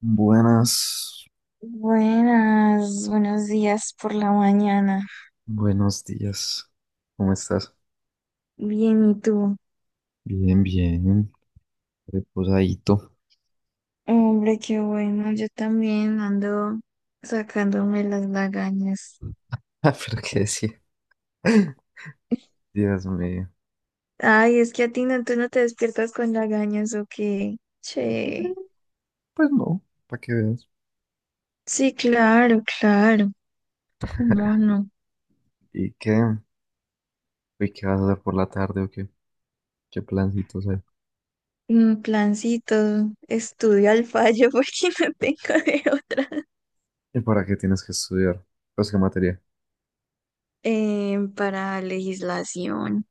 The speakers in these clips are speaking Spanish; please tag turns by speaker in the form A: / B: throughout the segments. A: Buenas,
B: Buenas, buenos días por la mañana.
A: buenos días. ¿Cómo estás?
B: Bien, ¿y tú?
A: Bien, bien, reposadito.
B: Hombre, qué bueno, yo también ando sacándome las lagañas.
A: Ah, pero qué decir. Dios mío.
B: Ay, es que a ti no, tú no te despiertas con lagañas o qué. Che.
A: Pues no, para que veas.
B: Sí, claro, claro. ¿Cómo no?
A: ¿Y qué? ¿Y qué vas a hacer por la tarde o qué? ¿Qué plancitos hay?
B: Un plancito, estudio al fallo porque no tengo de otra.
A: ¿Y para qué tienes que estudiar? Pues qué materia.
B: Para legislación.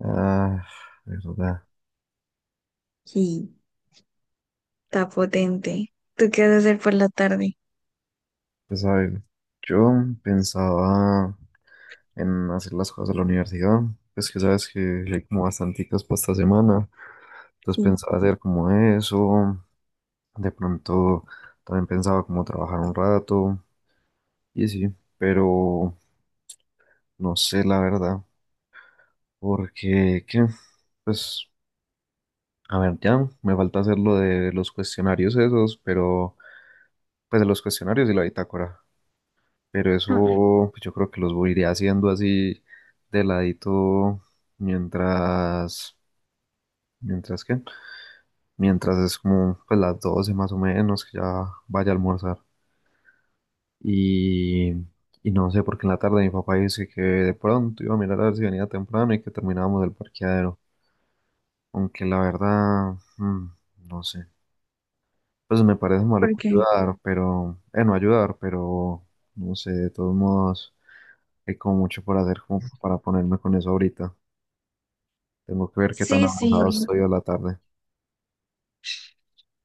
A: Ah, verdad.
B: Sí, está potente. ¿Tú qué vas a hacer por la tarde?
A: Pues a ver, yo pensaba en hacer las cosas de la universidad. Pues que sabes que hay como bastanticas para esta semana. Entonces pensaba hacer como eso. De pronto también pensaba como trabajar un rato y sí, pero no sé la verdad, porque qué, pues a ver, ya me falta hacer lo de los cuestionarios esos, pero pues de los cuestionarios y la bitácora, pero
B: Sí.
A: eso pues, yo creo que los voy a ir haciendo así de ladito mientras, mientras que, mientras es como pues las 12 más o menos que ya vaya a almorzar. Y, y no sé, porque en la tarde mi papá dice que de pronto iba a mirar a ver si venía temprano y que terminábamos el parqueadero. Aunque la verdad, no sé. Pues me parece maluco
B: Porque
A: ayudar, pero, no ayudar, pero no sé, de todos modos, hay como mucho por hacer como para ponerme con eso ahorita. Tengo que ver qué tan
B: sí, sí,
A: avanzado estoy a la tarde.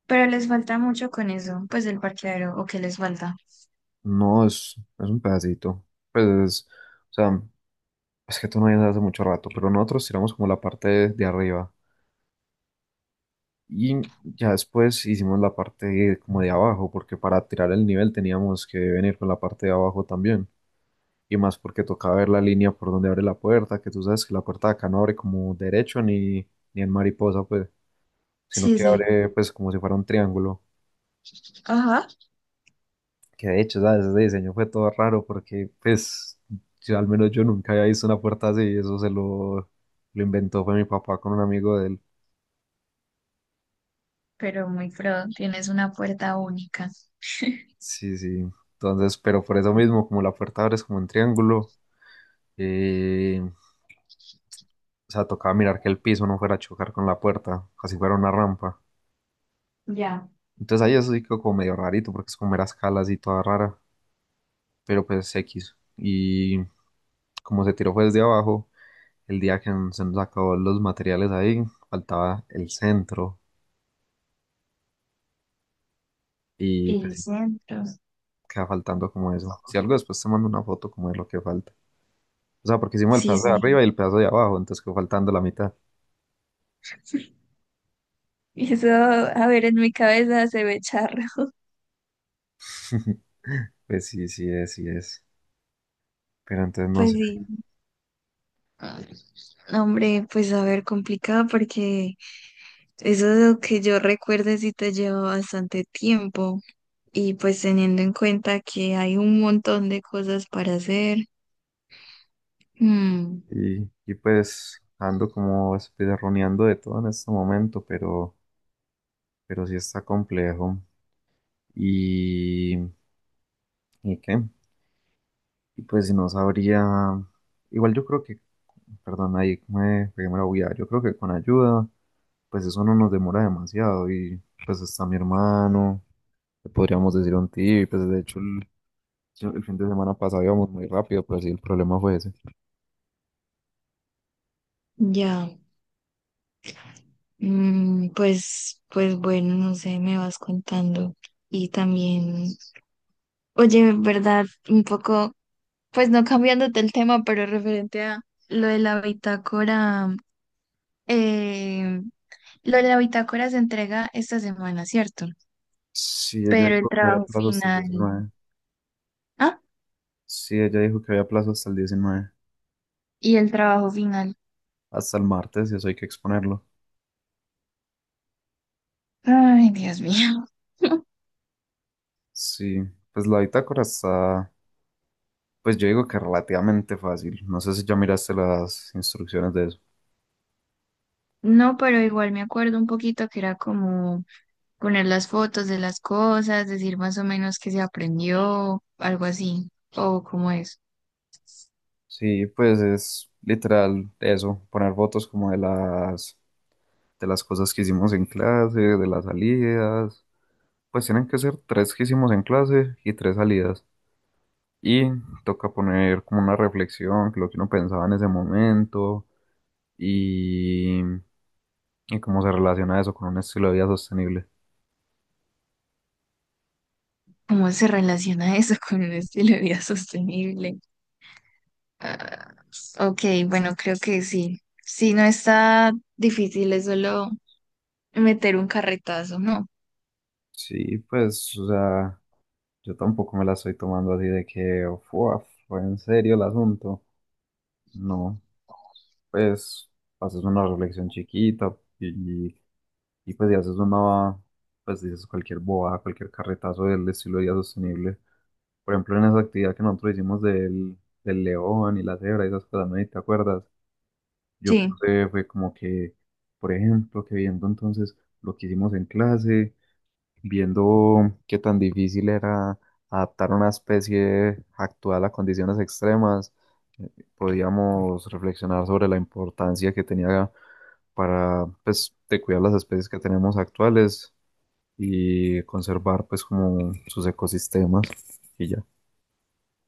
B: pero les falta mucho con eso, pues el parqueadero, o que les falta.
A: No, es un pedacito. Pues, o sea, es que tú no vienes hace mucho rato, pero nosotros tiramos como la parte de arriba. Y ya después hicimos como de abajo, porque para tirar el nivel teníamos que venir con la parte de abajo también. Y más porque tocaba ver la línea por donde abre la puerta, que tú sabes que la puerta de acá no abre como derecho ni en mariposa, pues, sino
B: Sí,
A: que
B: sí,
A: abre pues como si fuera un triángulo.
B: ajá.
A: Que de hecho, ¿sabes? Ese diseño fue todo raro porque pues yo, al menos yo nunca había visto una puerta así y lo inventó fue mi papá con un amigo de él.
B: Pero muy pro, tienes una puerta única.
A: Sí, sí. Entonces, pero por eso mismo, como la puerta abre es como en triángulo. O sea, tocaba mirar que el piso no fuera a chocar con la puerta, así fuera una rampa.
B: Ya,
A: Entonces ahí eso sí quedó como medio rarito, porque es como era escalas y toda rara, pero pues X. Y como se tiró fue desde abajo, el día que se nos acabó los materiales ahí, faltaba el centro y pues
B: el
A: sí,
B: centro.
A: queda faltando como eso. Si algo después te mando una foto como de lo que falta. O sea, porque hicimos el
B: Sí,
A: pedazo de
B: sí.
A: arriba y el pedazo de abajo, entonces quedó faltando la mitad.
B: Y eso, a ver, en mi cabeza se ve charro.
A: Pues sí, sí es. Pero entonces no
B: Pues
A: sé.
B: sí. Ah, hombre, pues a ver, complicado porque eso es lo que yo recuerde si te lleva bastante tiempo y pues teniendo en cuenta que hay un montón de cosas para hacer. mm,
A: Y pues ando como espirroneando de todo en este momento, pero sí está complejo. Y, ¿Y qué? Y pues si no sabría, igual yo creo que, perdón, ahí me pegué la bulla. Yo creo que con ayuda, pues eso no nos demora demasiado. Y pues está mi hermano, le podríamos decir un tío, y pues de hecho el fin de semana pasado íbamos muy rápido, pero sí el problema fue ese.
B: ya. Mm, pues, pues bueno, no sé, me vas contando. Y también, oye, en verdad, un poco, pues no cambiándote el tema, pero referente a lo de la bitácora, eh, lo de la bitácora se entrega esta semana, ¿cierto?
A: Sí, ella
B: Pero
A: dijo
B: el
A: que había
B: trabajo
A: plazo hasta el
B: final,
A: 19.
B: ah,
A: Sí, ella dijo que había plazo hasta el 19.
B: y el trabajo final,
A: Hasta el martes y eso hay que exponerlo.
B: ay, Dios mío.
A: Sí, pues pues yo digo que relativamente fácil. No sé si ya miraste las instrucciones de eso.
B: No, pero igual me acuerdo un poquito que era como poner las fotos de las cosas, decir más o menos qué se aprendió, algo así, o cómo es,
A: Sí, pues es literal eso, poner fotos como de las cosas que hicimos en clase, de las salidas. Pues tienen que ser tres que hicimos en clase y tres salidas. Y toca poner como una reflexión, lo que uno pensaba en ese momento y, y cómo se relaciona eso con un estilo de vida sostenible.
B: cómo se relaciona eso con un estilo de vida sostenible. Ah, ok, bueno, creo que sí. Sí, no está difícil, es solo meter un carretazo, ¿no?
A: Sí, pues, o sea, yo tampoco me la estoy tomando así de que, "Fua, fue en serio el asunto. No, pues, haces una reflexión chiquita y pues, y pues, dices cualquier boba, cualquier carretazo del estilo de vida sostenible. Por ejemplo, en esa actividad que nosotros hicimos del león y la cebra y esas cosas, ¿no? ¿Y te acuerdas? Yo
B: Sí,
A: puse, fue como que, por ejemplo, que viendo entonces lo que hicimos en clase, viendo qué tan difícil era adaptar una especie actual a condiciones extremas, eh, podíamos reflexionar sobre la importancia que tenía para, pues, de cuidar las especies que tenemos actuales y conservar, pues, como sus ecosistemas y ya.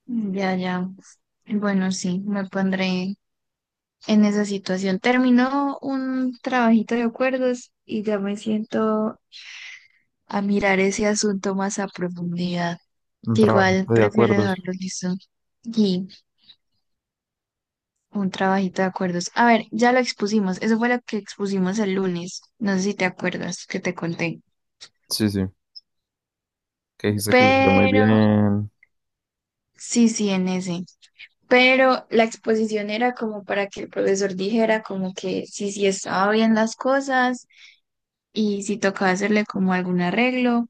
B: mm, ya, ya. Bueno, sí, me pondré en esa situación. Terminó un trabajito de acuerdos y ya me siento a mirar ese asunto más a profundidad.
A: Un
B: Que igual
A: trabajito de
B: prefiero
A: acuerdos.
B: dejarlo listo. Y un trabajito de acuerdos. A ver, ya lo expusimos. Eso fue lo que expusimos el lunes. No sé si te acuerdas que te conté.
A: Sí, sí. Que dijiste que les fue muy
B: Pero
A: bien.
B: sí, sí, en ese. Pero la exposición era como para que el profesor dijera como que sí, sí estaba bien las cosas y si tocaba hacerle como algún arreglo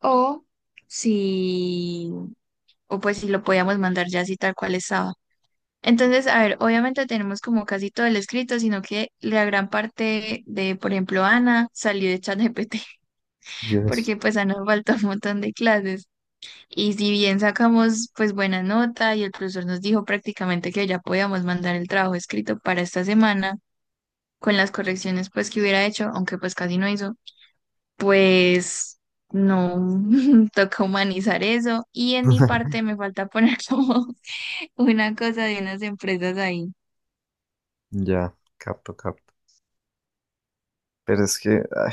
B: o si, o pues si lo podíamos mandar ya así tal cual estaba. Entonces, a ver, obviamente tenemos como casi todo el escrito, sino que la gran parte de, por ejemplo, Ana salió de ChatGPT,
A: Yes.
B: porque pues a Ana falta un montón de clases. Y si bien sacamos pues buena nota y el profesor nos dijo prácticamente que ya podíamos mandar el trabajo escrito para esta semana, con las correcciones pues que hubiera hecho, aunque pues casi no hizo, pues no, toca humanizar eso. Y en mi parte me falta poner como una cosa de unas empresas ahí.
A: Ya, capto, capto. Pero es que, ay,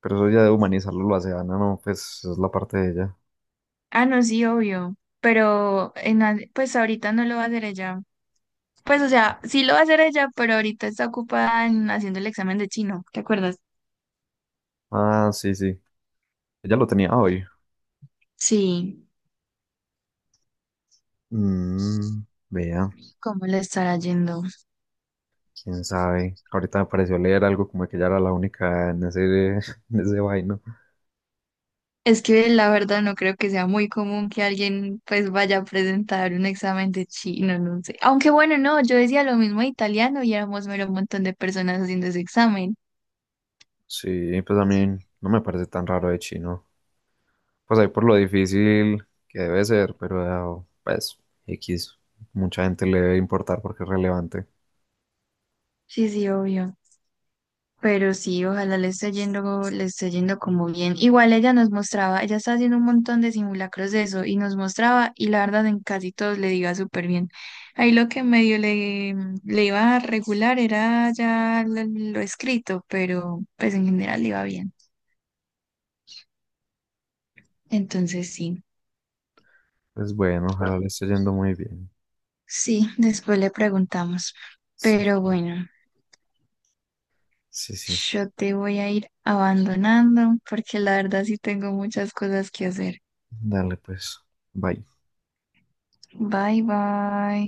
A: pero eso ya de humanizarlo lo hace Ana, no, pues es la parte de ella.
B: Ah, no, sí, obvio, pero en, al- pues ahorita no lo va a hacer ella. Pues, o sea, sí lo va a hacer ella, pero ahorita está ocupada en haciendo el examen de chino, ¿te acuerdas?
A: Ah, sí, sí. Ella lo tenía hoy.
B: Sí,
A: Mm, vea,
B: ¿cómo le estará yendo?
A: quién sabe. Ahorita me pareció leer algo como que ella era la única en ese, en ese vaino.
B: Es que la verdad no creo que sea muy común que alguien pues vaya a presentar un examen de chino, no sé. Aunque bueno, no, yo decía lo mismo de italiano y éramos mero un montón de personas haciendo ese examen.
A: Sí, pues a mí no me parece tan raro de chino. Pues ahí por lo difícil que debe ser, pero pues X. Mucha gente le debe importar porque es relevante.
B: Sí, sí, obvio. Pero sí, ojalá le esté yendo como bien. Igual ella nos mostraba, ella está haciendo un montón de simulacros de eso y nos mostraba y la verdad en casi todos le iba súper bien. Ahí lo que medio le, le iba a regular era ya lo escrito, pero pues en general le iba bien. Entonces sí,
A: Pues bueno, ojalá le esté yendo muy bien.
B: sí, después le preguntamos.
A: Sí,
B: Pero bueno,
A: sí, sí.
B: yo te voy a ir abandonando porque la verdad sí tengo muchas cosas que hacer.
A: Dale, pues. Bye.
B: Bye bye.